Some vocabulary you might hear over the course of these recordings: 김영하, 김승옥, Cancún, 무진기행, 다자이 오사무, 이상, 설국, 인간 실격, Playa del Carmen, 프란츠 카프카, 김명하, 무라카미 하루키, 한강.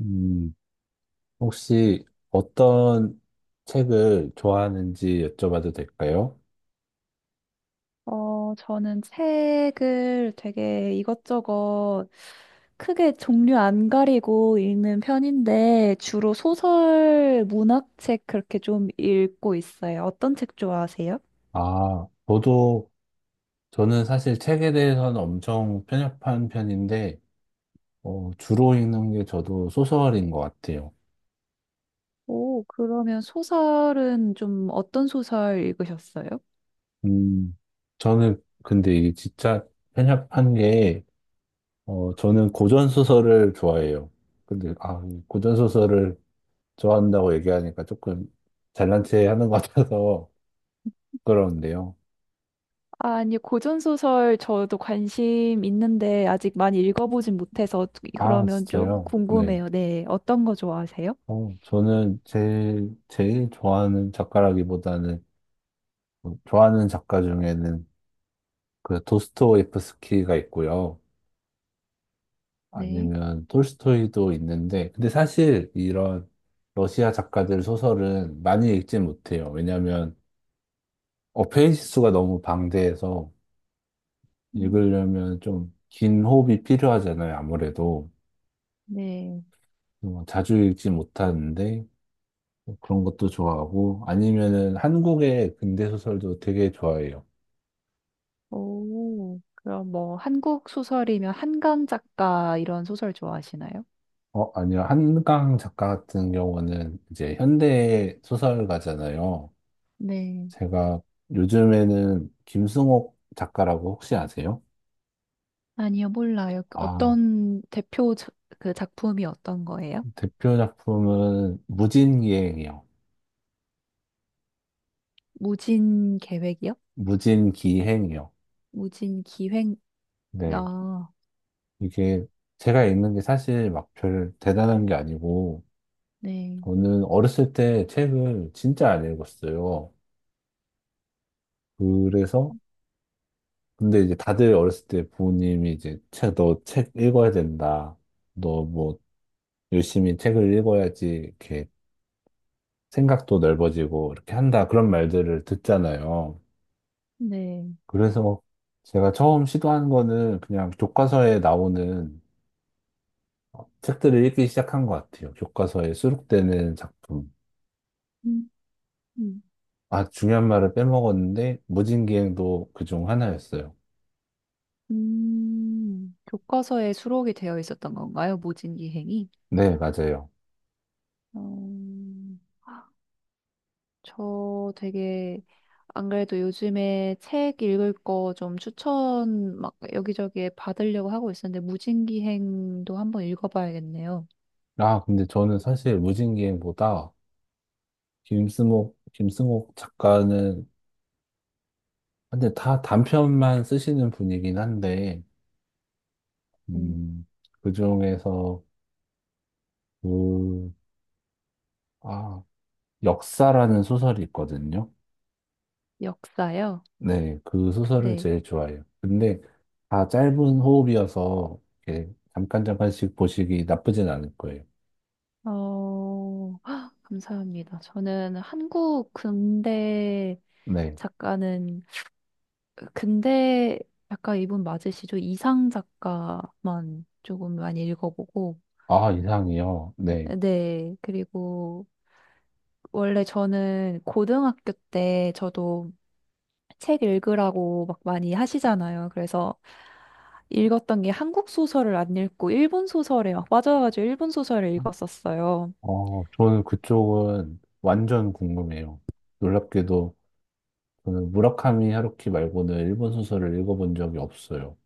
음, 혹시 어떤 책을 좋아하는지 여쭤봐도 될까요? 저는 책을 되게 이것저것 크게 종류 안 가리고 읽는 편인데, 주로 소설, 문학책 그렇게 좀 읽고 있어요. 어떤 책 좋아하세요? 아, 저도, 저는 사실 책에 대해서는 엄청 편협한 편인데, 주로 읽는 게 저도 소설인 것 같아요. 오, 그러면 소설은 좀 어떤 소설 읽으셨어요? 음, 저는 근데 이게 진짜 편협한 게, 저는 고전소설을 좋아해요. 근데, 아, 고전소설을 좋아한다고 얘기하니까 조금 잘난 체 하는 것 같아서 부끄러운데요. 아니, 고전 소설 저도 관심 있는데 아직 많이 읽어보진 못해서 아, 그러면 좀 진짜요? 네. 궁금해요. 네, 어떤 거 좋아하세요? 어, 저는 제일 좋아하는 작가라기보다는, 뭐 좋아하는 작가 중에는 그 도스토옙스키가 있고요. 네. 아니면 톨스토이도 있는데, 근데 사실 이런 러시아 작가들 소설은 많이 읽지 못해요. 왜냐면 페이지 수가 너무 방대해서 음, 읽으려면 좀 긴 호흡이 필요하잖아요. 아무래도. 네. 자주 읽지 못하는데, 그런 것도 좋아하고, 아니면은 한국의 근대 소설도 되게 좋아해요. 오, 그럼 뭐 한국 소설이면 한강 작가 이런 소설 좋아하시나요? 어, 아니요. 한강 작가 같은 경우는 이제 현대 소설가잖아요. 네. 제가 요즘에는 김승옥 작가라고 혹시 아세요? 아니요, 몰라요. 그 아, 어떤 대표 그 작품이 어떤 거예요? 대표 작품은 무진기행이요. 무진 계획이요? 무진기행이요. 무진 기획, 네. 아, 이게 제가 읽는 게 사실 막 별 대단한 게 아니고, 네. 저는 어렸을 때 책을 진짜 안 읽었어요. 그래서, 근데 이제 다들 어렸을 때 부모님이 이제 책, 너 책 읽어야 된다. 너뭐 열심히 책을 읽어야지 이렇게 생각도 넓어지고 이렇게 한다 그런 말들을 듣잖아요. 네. 그래서 제가 처음 시도한 거는 그냥 교과서에 나오는 책들을 읽기 시작한 것 같아요. 교과서에 수록되는 작품. 음, 음, 아, 중요한 말을 빼먹었는데 무진기행도 그중 하나였어요. 교과서에 수록이 되어 있었던 건가요? 무진 기행이? 네, 맞아요. 어, 저 되게 안 그래도 요즘에 책 읽을 거 좀 추천 막 여기저기에 받으려고 하고 있었는데 무진기행도 한번 읽어봐야겠네요. 아, 근데 저는 사실 무진기행보다 김승옥 작가는 근데 다 단편만 쓰시는 분이긴 한데 음. 음, 그 중에서 그, 아, 역사라는 소설이 있거든요. 역사요? 네, 그 소설을 네. 제일 좋아해요. 근데 다 짧은 호흡이어서 이렇게 잠깐 잠깐씩 보시기 나쁘진 않을 거예요. 어, 헉, 감사합니다. 저는 한국 근대 네. 작가는 근대 작가 이분 맞으시죠? 이상 작가만 조금 많이 읽어보고 아, 이상이요. 네. 네. 그리고 원래 저는 고등학교 때 저도 책 읽으라고 막 많이 하시잖아요. 그래서 읽었던 게 한국 소설을 안 읽고 일본 소설에 막 빠져가지고 일본 소설을 읽었었어요. 어, 저는 그쪽은 완전 궁금해요. 놀랍게도 저는 무라카미 하루키 말고는 일본 소설을 읽어본 적이 없어요.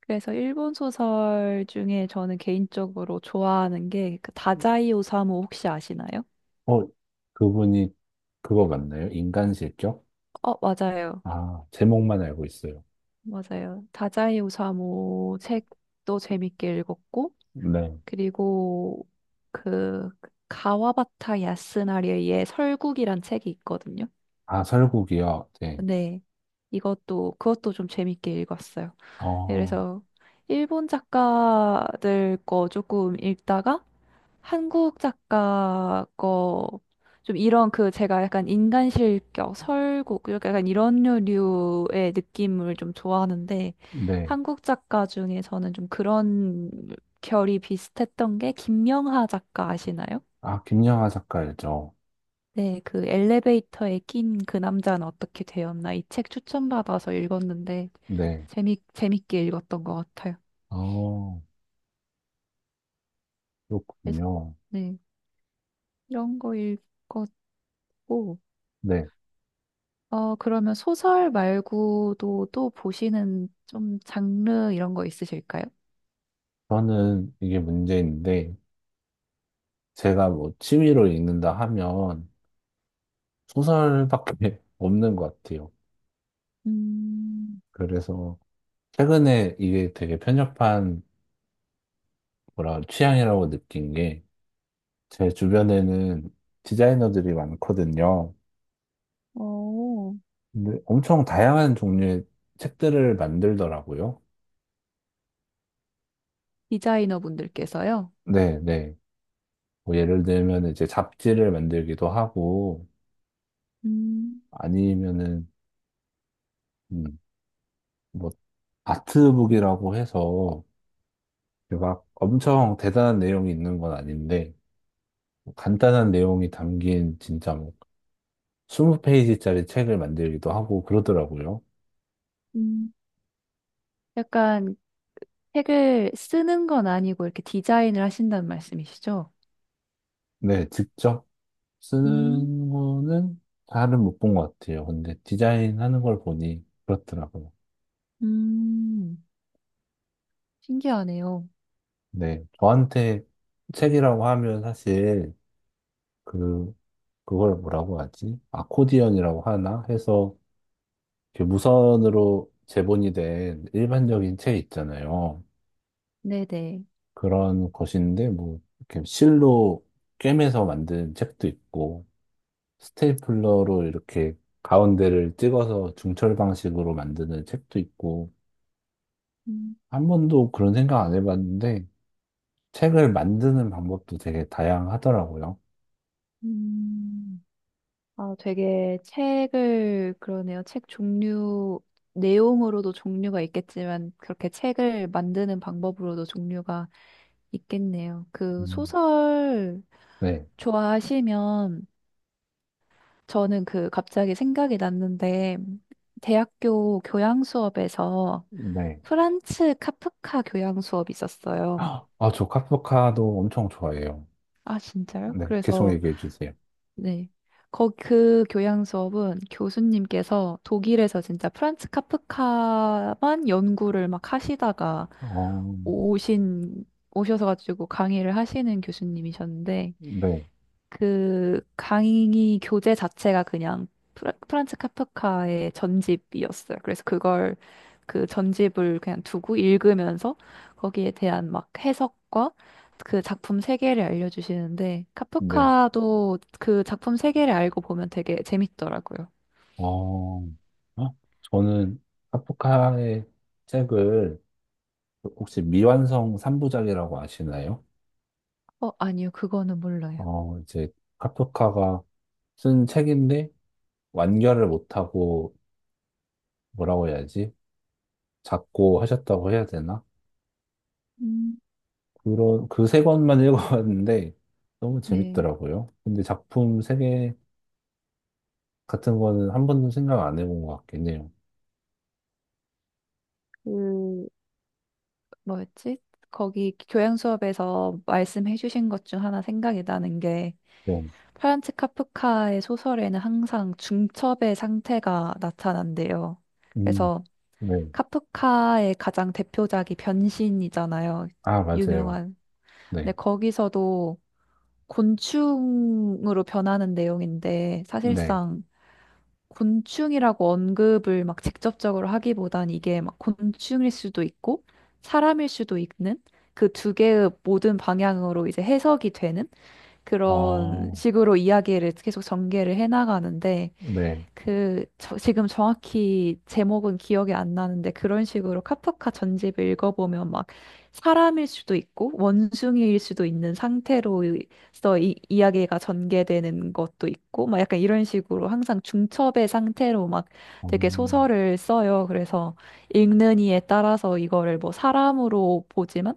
그래서 일본 소설 중에 저는 개인적으로 좋아하는 게그 다자이 오사무 혹시 아시나요? 어, 그분이 그거 맞나요? 인간 실격? 어, 맞아요. 아, 제목만 알고 있어요. 맞아요. 다자이 오사무 책도 재밌게 읽었고, 네. 그리고 그 가와바타 야스나리의 설국이란 책이 있거든요. 아, 설국이요? 네. 네. 이것도, 그것도 좀 재밌게 읽었어요. 네, 어, 그래서 일본 작가들 거 조금 읽다가 한국 작가 거 좀 이런 그 제가 약간 인간 실격, 설국 약간 이런 류의 느낌을 좀 좋아하는데 네. 한국 작가 중에 저는 좀 그런 결이 비슷했던 게 김명하 작가 아시나요? 아, 김영하 작가 알죠? 네, 그 엘리베이터에 낀 그 남자는 어떻게 되었나 이 책 추천받아서 읽었는데 네. 재미 재밌게 읽었던 것 같아요. 어, 그래서 그렇군요. 네. 이런 거 읽었고, 네. 어, 그러면 소설 말고도 또 보시는 좀 장르 이런 거 있으실까요? 저는 이게 문제인데, 제가 뭐 취미로 읽는다 하면 소설밖에 없는 것 같아요. 음, 그래서 최근에 이게 되게 편협한 뭐라 취향이라고 느낀 게, 제 주변에는 디자이너들이 많거든요. 오 근데 엄청 다양한 종류의 책들을 만들더라고요. 디자이너 분들께서요? 네, 네. 뭐 예를 들면 이제 잡지를 만들기도 하고 음, 아니면은 음, 뭐 아트북이라고 해서 막 엄청 대단한 내용이 있는 건 아닌데 뭐 간단한 내용이 담긴 진짜 뭐 20페이지짜리 책을 만들기도 하고 그러더라고요. 음, 약간 책을 쓰는 건 아니고 이렇게 디자인을 하신다는 말씀이시죠? 네, 직접 음, 쓰는 거는 잘은 못 본 것 같아요. 근데 디자인하는 걸 보니 그렇더라고요. 음, 신기하네요. 네, 저한테 책이라고 하면 사실 그 그걸 뭐라고 하지? 아코디언이라고 하나 해서 이렇게 무선으로 제본이 된 일반적인 책 있잖아요. 네네. 그런 것인데 뭐 이렇게 실로 꿰매서 만든 책도 있고 스테이플러로 이렇게 가운데를 찍어서 중철 방식으로 만드는 책도 있고 음, 한 번도 그런 생각 안 해봤는데 책을 만드는 방법도 되게 다양하더라고요. 음. 아, 되게 책을, 그러네요. 책 종류, 내용으로도 종류가 있겠지만, 그렇게 책을 만드는 방법으로도 종류가 있겠네요. 그 음, 소설 네. 좋아하시면, 저는 그 갑자기 생각이 났는데, 대학교 교양 수업에서 네. 프란츠 카프카 교양 수업이 있었어요. 아, 저 카프카도 엄청 좋아해요. 아, 진짜요? 네, 계속 그래서 얘기해 주세요. 네. 거, 그 교양 수업은 교수님께서 독일에서 진짜 프란츠 카프카만 연구를 막 하시다가 어, 오신, 오셔서 가지고 강의를 하시는 교수님이셨는데, 네, 그 강의 교재 자체가 그냥 프란츠 카프카의 전집이었어요. 그래서 그걸 그 전집을 그냥 두고 읽으면서 거기에 대한 막 해석과 그 작품 세계를 알려주시는데 네. 카프카도 그 작품 세계를 알고 보면 되게 재밌더라고요. 어, 어? 저는 카프카의 책을 혹시 미완성 3부작이라고 아시나요? 어, 아니요, 그거는 몰라요. 이제 카프카가 쓴 책인데 완결을 못하고 뭐라고 해야지? 작고 하셨다고 해야 되나? 음. 그런, 그 세 권만 읽어봤는데 너무 네, 재밌더라고요. 근데 작품 세개 같은 거는 한 번도 생각 안 해본 것 같긴 해요. 그 뭐였지? 거기 교양 수업에서 말씀해 주신 것 중 하나 생각이 나는 게 네. 프란츠 카프카의 소설에는 항상 중첩의 상태가 나타난대요. 음, 그래서 네. 카프카의 가장 대표작이 변신이잖아요. 아, 맞아요. 유명한. 근데 네. 거기서도 곤충으로 변하는 내용인데 네. 사실상 곤충이라고 언급을 막 직접적으로 하기보단 이게 막 곤충일 수도 있고 사람일 수도 있는 그 두 개의 모든 방향으로 이제 해석이 되는 그런 어, 식으로 이야기를 계속 전개를 해나가는데, 네. 그, 지금 정확히 제목은 기억이 안 나는데, 그런 식으로 카프카 전집을 읽어보면 막 사람일 수도 있고, 원숭이일 수도 있는 상태로서 이, 이야기가 전개되는 것도 있고, 막 약간 이런 식으로 항상 중첩의 상태로 막 되게 음, 소설을 써요. 그래서 읽는 이에 따라서 이거를 뭐 사람으로 보지만,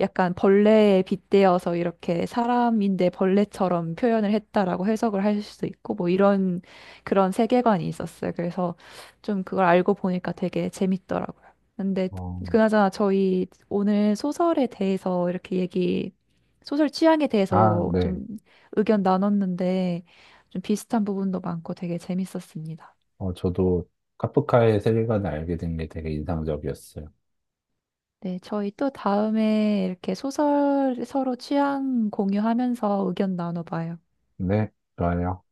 약간 벌레에 빗대어서 이렇게 사람인데 벌레처럼 표현을 했다라고 해석을 할 수도 있고 뭐 이런 그런 세계관이 있었어요. 그래서 좀 그걸 알고 보니까 되게 재밌더라고요. 근데 어, 그나저나 저희 오늘 소설에 대해서 이렇게 얘기, 소설 취향에 아, 대해서 네. 좀 의견 나눴는데 좀 비슷한 부분도 많고 되게 재밌었습니다. 어, 저도 카프카의 세계관을 알게 된 게 되게 인상적이었어요. 네, 저희 또 다음에 이렇게 소설 서로 취향 공유하면서 의견 나눠봐요. 네. 좋아요.